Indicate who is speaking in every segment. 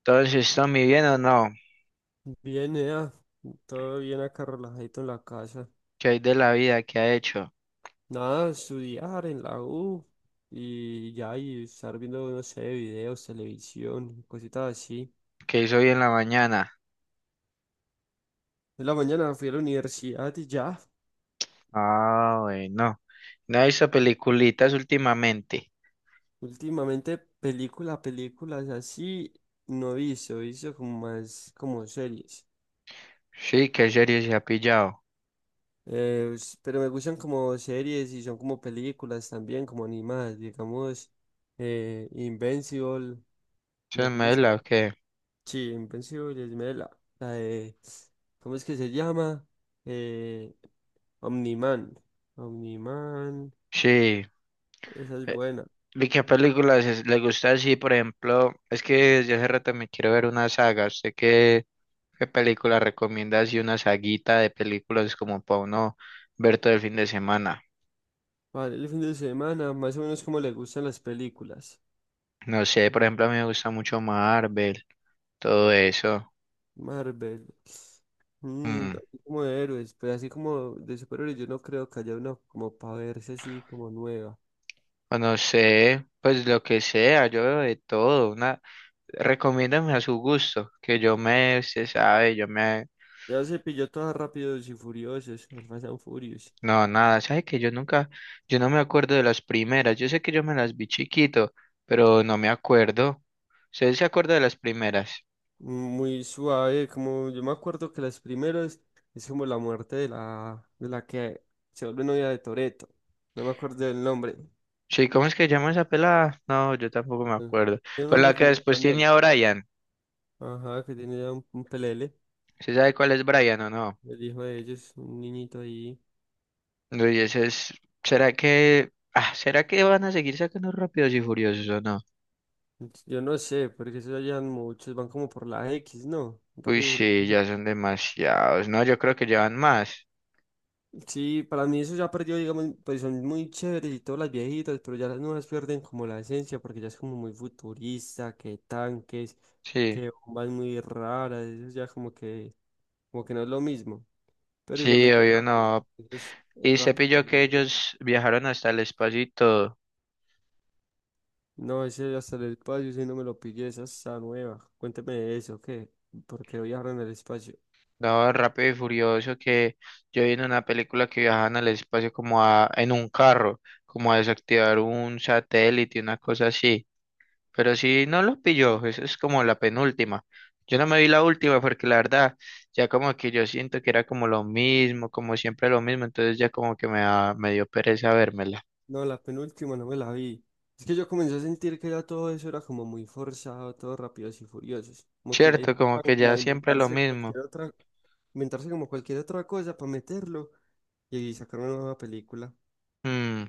Speaker 1: Entonces, ¿Tommy bien o no?
Speaker 2: Bien, ea. Todo bien acá, relajadito en la casa.
Speaker 1: ¿Qué hay de la vida? ¿Qué ha hecho?
Speaker 2: Nada, estudiar en la U y ya, y estar viendo, no sé, videos, televisión, cositas así.
Speaker 1: ¿Qué hizo hoy en la mañana?
Speaker 2: En la mañana fui a la universidad y ya.
Speaker 1: Ah, bueno. ¿No ha visto peliculitas últimamente?
Speaker 2: Últimamente película, películas así no he visto, he visto como más como series.
Speaker 1: Sí, ¿qué serie se ha pillado?
Speaker 2: Pero me gustan como series y son como películas también, como animadas, digamos, Invincible, me
Speaker 1: ¿Se
Speaker 2: gusta.
Speaker 1: mela o qué?
Speaker 2: Sí, Invencible, me la, la de, ¿cómo es que se llama? Eh, Omniman. Omniman,
Speaker 1: Sí.
Speaker 2: esa es
Speaker 1: eh,
Speaker 2: buena.
Speaker 1: ¿Y qué películas le gusta así, por ejemplo? Es que desde hace rato me quiero ver una saga. ¿Usted qué, qué película recomienda así, una saguita de películas como para uno ver todo el fin de semana?
Speaker 2: Vale, el fin de semana, más o menos, como le gustan las películas?
Speaker 1: No sé, por ejemplo, a mí me gusta mucho Marvel, todo eso.
Speaker 2: Marvel. Mm,
Speaker 1: Mm.
Speaker 2: así como de héroes, pero así como de superhéroes, yo no creo que haya una como para verse así como nueva.
Speaker 1: O no sé, pues lo que sea, yo veo de todo. Una... recomiéndame a su gusto, que yo me, se sabe, yo me...
Speaker 2: ¿Ya se pilló todas Rápidos y Furiosos, Fast and Furious?
Speaker 1: No, nada, sabe que yo nunca, yo no me acuerdo de las primeras. Yo sé que yo me las vi chiquito, pero no me acuerdo. ¿Usted se acuerda de las primeras?
Speaker 2: Muy suave, como yo me acuerdo que las primeras es como la muerte de la que se vuelve novia de Toreto. No me acuerdo del nombre.
Speaker 1: Sí, ¿cómo es que llama esa pelada? No, yo tampoco me
Speaker 2: Ujú.
Speaker 1: acuerdo.
Speaker 2: Tiene un
Speaker 1: Con la
Speaker 2: nombre
Speaker 1: que
Speaker 2: como en
Speaker 1: después tiene
Speaker 2: español.
Speaker 1: a Brian.
Speaker 2: Ajá, que tiene ya un pelele,
Speaker 1: ¿Usted sabe cuál es Brian o no?
Speaker 2: el hijo de ellos, un niñito ahí.
Speaker 1: No, y ese es, ¿será que van a seguir sacando Rápidos y Furiosos o no?
Speaker 2: Yo no sé, porque eso ya llevan muchos, van como por la X, ¿no?
Speaker 1: Uy,
Speaker 2: Rápido y
Speaker 1: sí,
Speaker 2: Furioso.
Speaker 1: ya son demasiados. No, yo creo que llevan más.
Speaker 2: Sí, para mí eso ya perdió, digamos, pues son muy chéveres y todas las viejitas, pero ya las nuevas pierden como la esencia porque ya es como muy futurista, que tanques,
Speaker 1: Sí,
Speaker 2: que bombas muy raras, eso ya como que no es lo mismo. Pero
Speaker 1: sí,
Speaker 2: igualmente
Speaker 1: obvio
Speaker 2: rápido,
Speaker 1: no.
Speaker 2: eso es
Speaker 1: Y se
Speaker 2: rápido.
Speaker 1: pilló que
Speaker 2: Güey.
Speaker 1: ellos viajaron hasta el espacio y todo.
Speaker 2: No, ese hasta el espacio, si no me lo pillé, esa está nueva. Cuénteme de eso, ¿qué? ¿Por qué viajaron al espacio?
Speaker 1: No, Rápido y Furioso, que yo vi en una película que viajaban al espacio en un carro, como a desactivar un satélite, una cosa así. Pero si no los pilló, eso es como la penúltima. Yo no me vi la última porque la verdad, ya como que yo siento que era como lo mismo, como siempre lo mismo, entonces ya como que me dio pereza vérmela.
Speaker 2: No, la penúltima no me la vi. Es que yo comencé a sentir que ya todo eso era como muy forzado, todo rápidos y furiosos. Como que ya
Speaker 1: Cierto, como
Speaker 2: intentan
Speaker 1: que ya
Speaker 2: como
Speaker 1: siempre lo
Speaker 2: inventarse
Speaker 1: mismo.
Speaker 2: cualquier otra, inventarse como cualquier otra cosa para meterlo y sacar una nueva película.
Speaker 1: Mm,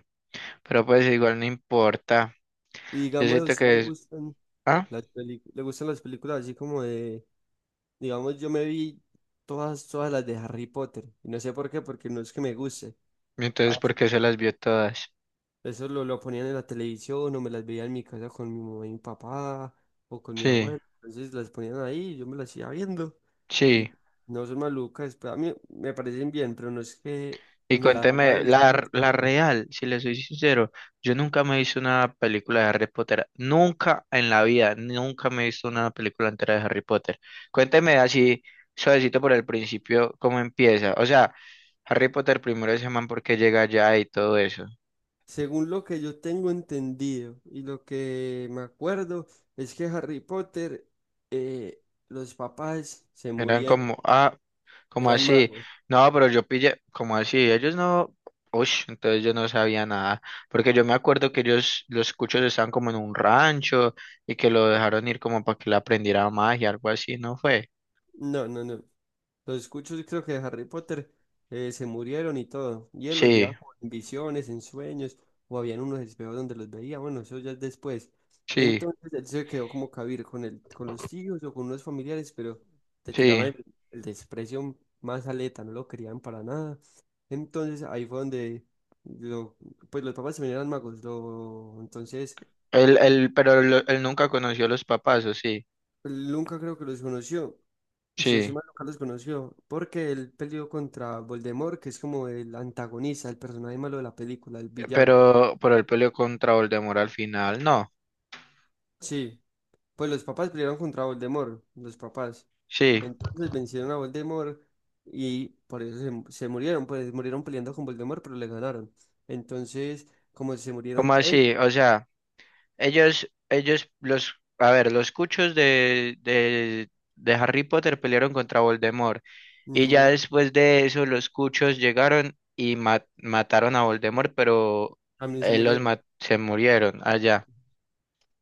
Speaker 1: pero pues igual no importa.
Speaker 2: Y
Speaker 1: Yo
Speaker 2: digamos, a
Speaker 1: siento
Speaker 2: usted le
Speaker 1: que es...
Speaker 2: gustan
Speaker 1: Ah,
Speaker 2: las películas, le gustan las películas así como de, digamos, yo me vi todas las de Harry Potter. Y no sé por qué, porque no es que me guste.
Speaker 1: entonces, ¿por qué se las vio todas?
Speaker 2: Eso lo ponían en la televisión o me las veía en mi casa con mi mamá y mi papá o con mi
Speaker 1: Sí,
Speaker 2: abuelo. Entonces las ponían ahí, yo me las iba viendo y
Speaker 1: sí.
Speaker 2: no son malucas, pero a mí me parecen bien, pero no es que
Speaker 1: Y
Speaker 2: me las haya
Speaker 1: cuénteme,
Speaker 2: visto muchas
Speaker 1: la
Speaker 2: veces.
Speaker 1: real, si le soy sincero, yo nunca me he visto una película de Harry Potter, nunca en la vida, nunca me he visto una película entera de Harry Potter. Cuénteme así, suavecito por el principio, cómo empieza. O sea, Harry Potter primero se llaman porque llega allá y todo eso.
Speaker 2: Según lo que yo tengo entendido y lo que me acuerdo, es que Harry Potter, eh, los papás se
Speaker 1: Eran
Speaker 2: murieron,
Speaker 1: como, ah, ¿cómo
Speaker 2: eran
Speaker 1: así?
Speaker 2: magos.
Speaker 1: No, pero yo pillé, ¿cómo así? Ellos no, uy, entonces yo no sabía nada, porque yo me acuerdo que ellos, los cuchos estaban como en un rancho y que lo dejaron ir como para que le aprendiera magia, algo así, ¿no fue?
Speaker 2: No, no, no. Los escucho, y creo que de Harry Potter se murieron y todo. Y él los veía
Speaker 1: Sí,
Speaker 2: como en visiones, en sueños, o habían unos espejos donde los veía. Bueno, eso ya es después.
Speaker 1: sí,
Speaker 2: Entonces él se quedó como cabir con el, con los tíos o con unos familiares, pero te
Speaker 1: sí.
Speaker 2: tiraban el desprecio más aleta, no lo querían para nada. Entonces ahí fue donde lo, pues los papás también eran magos. Lo, entonces
Speaker 1: Pero él nunca conoció a los papás, ¿o sí?
Speaker 2: él nunca creo que los conoció. Si no estoy
Speaker 1: Sí,
Speaker 2: mal, Carlos conoció porque él peleó contra Voldemort, que es como el antagonista, el personaje malo de la película, el villano.
Speaker 1: pero él peleó contra Voldemort al final, no,
Speaker 2: Sí, pues los papás pelearon contra Voldemort, los papás.
Speaker 1: sí,
Speaker 2: Entonces vencieron a Voldemort y por eso se murieron, pues murieron peleando con Voldemort, pero le ganaron. Entonces, como se murieron
Speaker 1: ¿cómo así?
Speaker 2: ellos,
Speaker 1: O sea... a ver, los cuchos de Harry Potter pelearon contra Voldemort. Y ya
Speaker 2: ujú,
Speaker 1: después de eso, los cuchos llegaron y mataron a Voldemort, pero
Speaker 2: también se murieron.
Speaker 1: se murieron allá.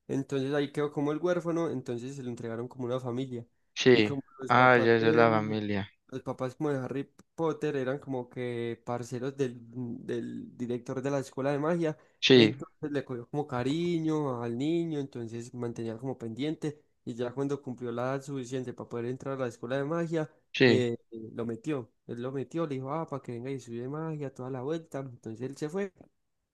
Speaker 2: Entonces ahí quedó como el huérfano, entonces se lo entregaron como una familia. Y
Speaker 1: Sí.
Speaker 2: como los
Speaker 1: Ah,
Speaker 2: papás
Speaker 1: ya esa es la
Speaker 2: de,
Speaker 1: familia.
Speaker 2: los papás como de Harry Potter eran como que parceros del director de la escuela de magia,
Speaker 1: Sí,
Speaker 2: entonces le cogió como cariño al niño, entonces mantenía como pendiente y ya cuando cumplió la edad suficiente para poder entrar a la escuela de magia,
Speaker 1: sí.
Speaker 2: eh, lo metió, él lo metió, le dijo, ah, para que venga y estudie magia toda la vuelta, entonces él se fue,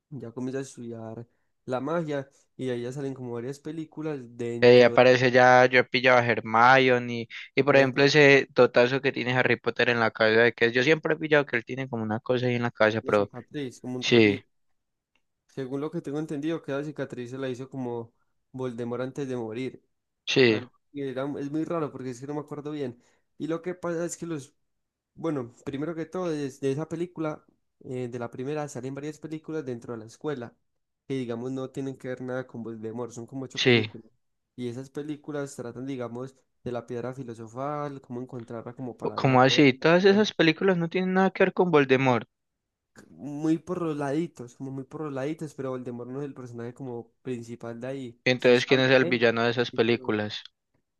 Speaker 2: ya comienza a estudiar la magia y de ahí ya salen como varias películas dentro de...
Speaker 1: Aparece ya, yo pillaba a Hermione, y por ejemplo
Speaker 2: Epa,
Speaker 1: ese totazo que tiene Harry Potter en la cabeza, de que yo siempre he pillado que él tiene como una cosa ahí en la cabeza,
Speaker 2: una
Speaker 1: pero
Speaker 2: cicatriz, como un
Speaker 1: sí,
Speaker 2: rayito. Según lo que tengo entendido, que la cicatriz se la hizo como Voldemort antes de morir.
Speaker 1: sí,
Speaker 2: Algo que era- es muy raro porque es que no me acuerdo bien. Y lo que pasa es que los, bueno, primero que todo, es de esa película, de la primera, salen varias películas dentro de la escuela, que digamos no tienen que ver nada con Voldemort, son como ocho
Speaker 1: sí.
Speaker 2: películas. Y esas películas tratan, digamos, de la piedra filosofal, cómo encontrarla como para la vida
Speaker 1: ¿Cómo así? Todas
Speaker 2: eterna,
Speaker 1: esas películas no tienen nada que ver con Voldemort.
Speaker 2: muy por los laditos, como muy por los laditos, pero Voldemort no es el personaje como principal de ahí. Sí se
Speaker 1: Entonces, ¿quién
Speaker 2: habla
Speaker 1: es el
Speaker 2: de él
Speaker 1: villano de esas
Speaker 2: y todo.
Speaker 1: películas?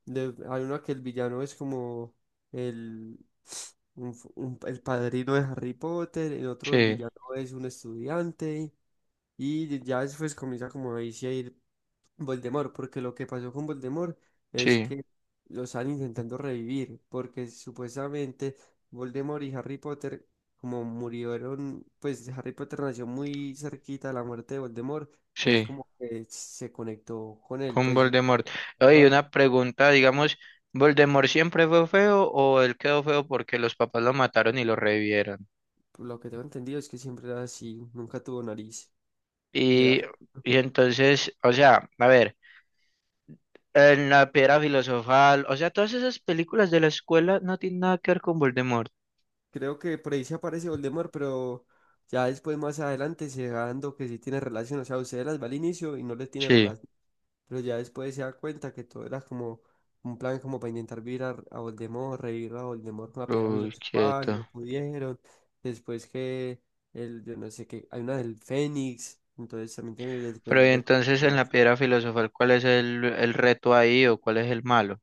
Speaker 2: De- hay uno que el villano es como el, un f- un- el padrino de Harry Potter, en otro el
Speaker 1: Sí,
Speaker 2: villano es un estudiante, y ya después comienza como ahí sí a ir Voldemort, porque lo que pasó con Voldemort es
Speaker 1: sí,
Speaker 2: que lo están intentando revivir, porque supuestamente Voldemort y Harry Potter, como murieron, pues Harry Potter nació muy cerquita de la muerte de Voldemort, él
Speaker 1: sí,
Speaker 2: como que se conectó con él,
Speaker 1: con
Speaker 2: pues
Speaker 1: Voldemort. Oye,
Speaker 2: ajá,
Speaker 1: una pregunta, digamos, ¿Voldemort siempre fue feo o él quedó feo porque los papás lo mataron y lo revivieron?
Speaker 2: por lo que tengo entendido es que siempre era así, nunca tuvo nariz. Y era-
Speaker 1: Y, y entonces, o sea, a ver, en la piedra filosofal, o sea, todas esas películas de la escuela no tienen nada que ver con Voldemort.
Speaker 2: creo que por ahí se aparece Voldemort, pero ya después más adelante se va dando que sí tiene relación, o sea, usted las va al inicio y no le tiene
Speaker 1: Sí.
Speaker 2: relación. Pero ya después se da cuenta que todo era como un plan como para intentar virar a Voldemort, revivir a Voldemort con la piedra
Speaker 1: Uy, quieto.
Speaker 2: filosofal, no pudieron. Después que el, yo no sé qué, hay una del Fénix, entonces también tiene
Speaker 1: Pero
Speaker 2: después
Speaker 1: y
Speaker 2: ve-
Speaker 1: entonces en la piedra filosofal, ¿cuál es el reto ahí o cuál es el malo?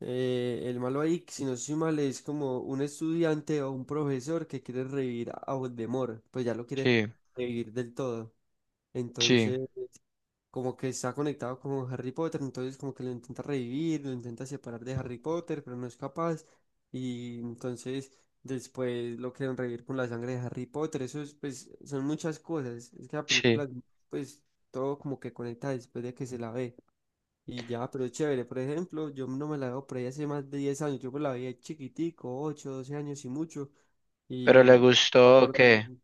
Speaker 2: el malo ahí, si no estoy mal, es como un estudiante o un profesor que quiere revivir a Voldemort, pues ya lo quiere
Speaker 1: Sí,
Speaker 2: revivir del todo.
Speaker 1: sí,
Speaker 2: Entonces como que está conectado con Harry Potter, entonces como que lo intenta revivir, lo intenta separar de Harry Potter, pero no es capaz. Y entonces después lo quieren revivir con la sangre de Harry Potter. Eso es, pues, son muchas cosas. Es que la
Speaker 1: sí.
Speaker 2: película, pues, todo como que conecta después de que se la ve. Y ya, pero es chévere. Por ejemplo, yo no me la veo por ahí hace más de 10 años. Yo me la veía chiquitico, 8 12 años y mucho.
Speaker 1: ¿Pero le
Speaker 2: Y no me
Speaker 1: gustó o
Speaker 2: acuerdo
Speaker 1: qué?
Speaker 2: bien.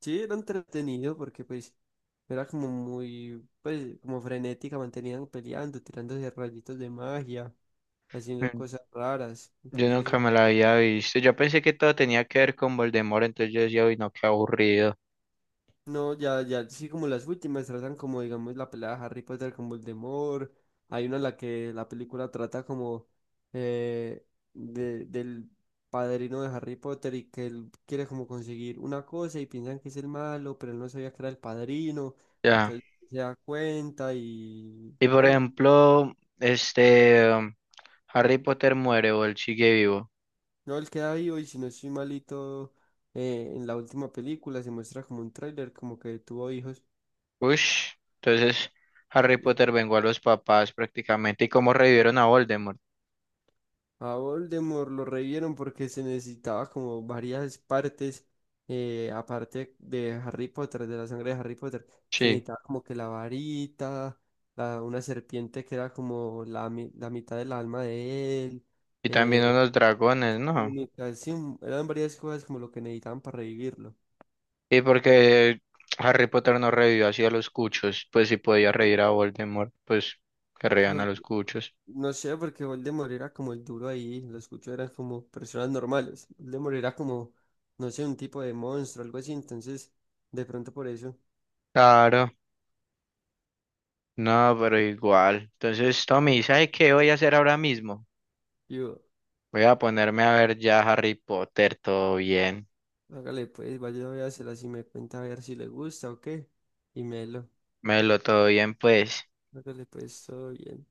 Speaker 2: Sí, era entretenido porque pues era como muy, pues como frenética, mantenían peleando, tirándose rayitos de magia, haciendo
Speaker 1: Mm.
Speaker 2: cosas raras.
Speaker 1: Yo
Speaker 2: Entonces,
Speaker 1: nunca me la había visto. Yo pensé que todo tenía que ver con Voldemort, entonces yo decía, uy, no, qué aburrido.
Speaker 2: no, ya, ya, sí, como las últimas tratan como, digamos, la pelea de Harry Potter con Voldemort. Hay una en la que la película trata como eh, de, del padrino de Harry Potter y que él quiere como conseguir una cosa y piensan que es el malo, pero él no sabía que era el padrino.
Speaker 1: Ya.
Speaker 2: Entonces se da cuenta y
Speaker 1: Y por
Speaker 2: bueno.
Speaker 1: ejemplo, este, um, Harry Potter muere o él sigue vivo.
Speaker 2: No, él queda vivo y si no estoy malito, en la última película se muestra como un tráiler, como que tuvo hijos.
Speaker 1: Ush. Entonces, Harry
Speaker 2: Y
Speaker 1: Potter vengó a los papás prácticamente. ¿Y cómo revivieron a Voldemort?
Speaker 2: a Voldemort lo revivieron porque se necesitaba como varias partes, aparte de Harry Potter, de la sangre de Harry Potter. Se
Speaker 1: Sí.
Speaker 2: necesitaba como que la varita, la- una serpiente que era como la, mi- la mitad del alma de él,
Speaker 1: Y también
Speaker 2: eh,
Speaker 1: unos dragones, ¿no?
Speaker 2: túnica, sí, un- eran varias cosas como lo que necesitaban para revivirlo.
Speaker 1: Y porque Harry Potter no revivió así a los cuchos, pues si podía reír a Voldemort, pues que reían a los cuchos.
Speaker 2: No sé, porque Voldemort era como el duro ahí, los cuchos eran como personas normales. Voldemort era como, no sé, un tipo de monstruo, algo así, entonces, de pronto por eso,
Speaker 1: Claro, no, pero igual. Entonces, Tommy, ¿sabes qué voy a hacer ahora mismo?
Speaker 2: yo,
Speaker 1: Voy a ponerme a ver ya Harry Potter, todo bien.
Speaker 2: hágale pues, vaya a véasela, si me cuenta a ver si le gusta o qué, y melo,
Speaker 1: Melo, todo bien, pues.
Speaker 2: hágale pues, todo bien.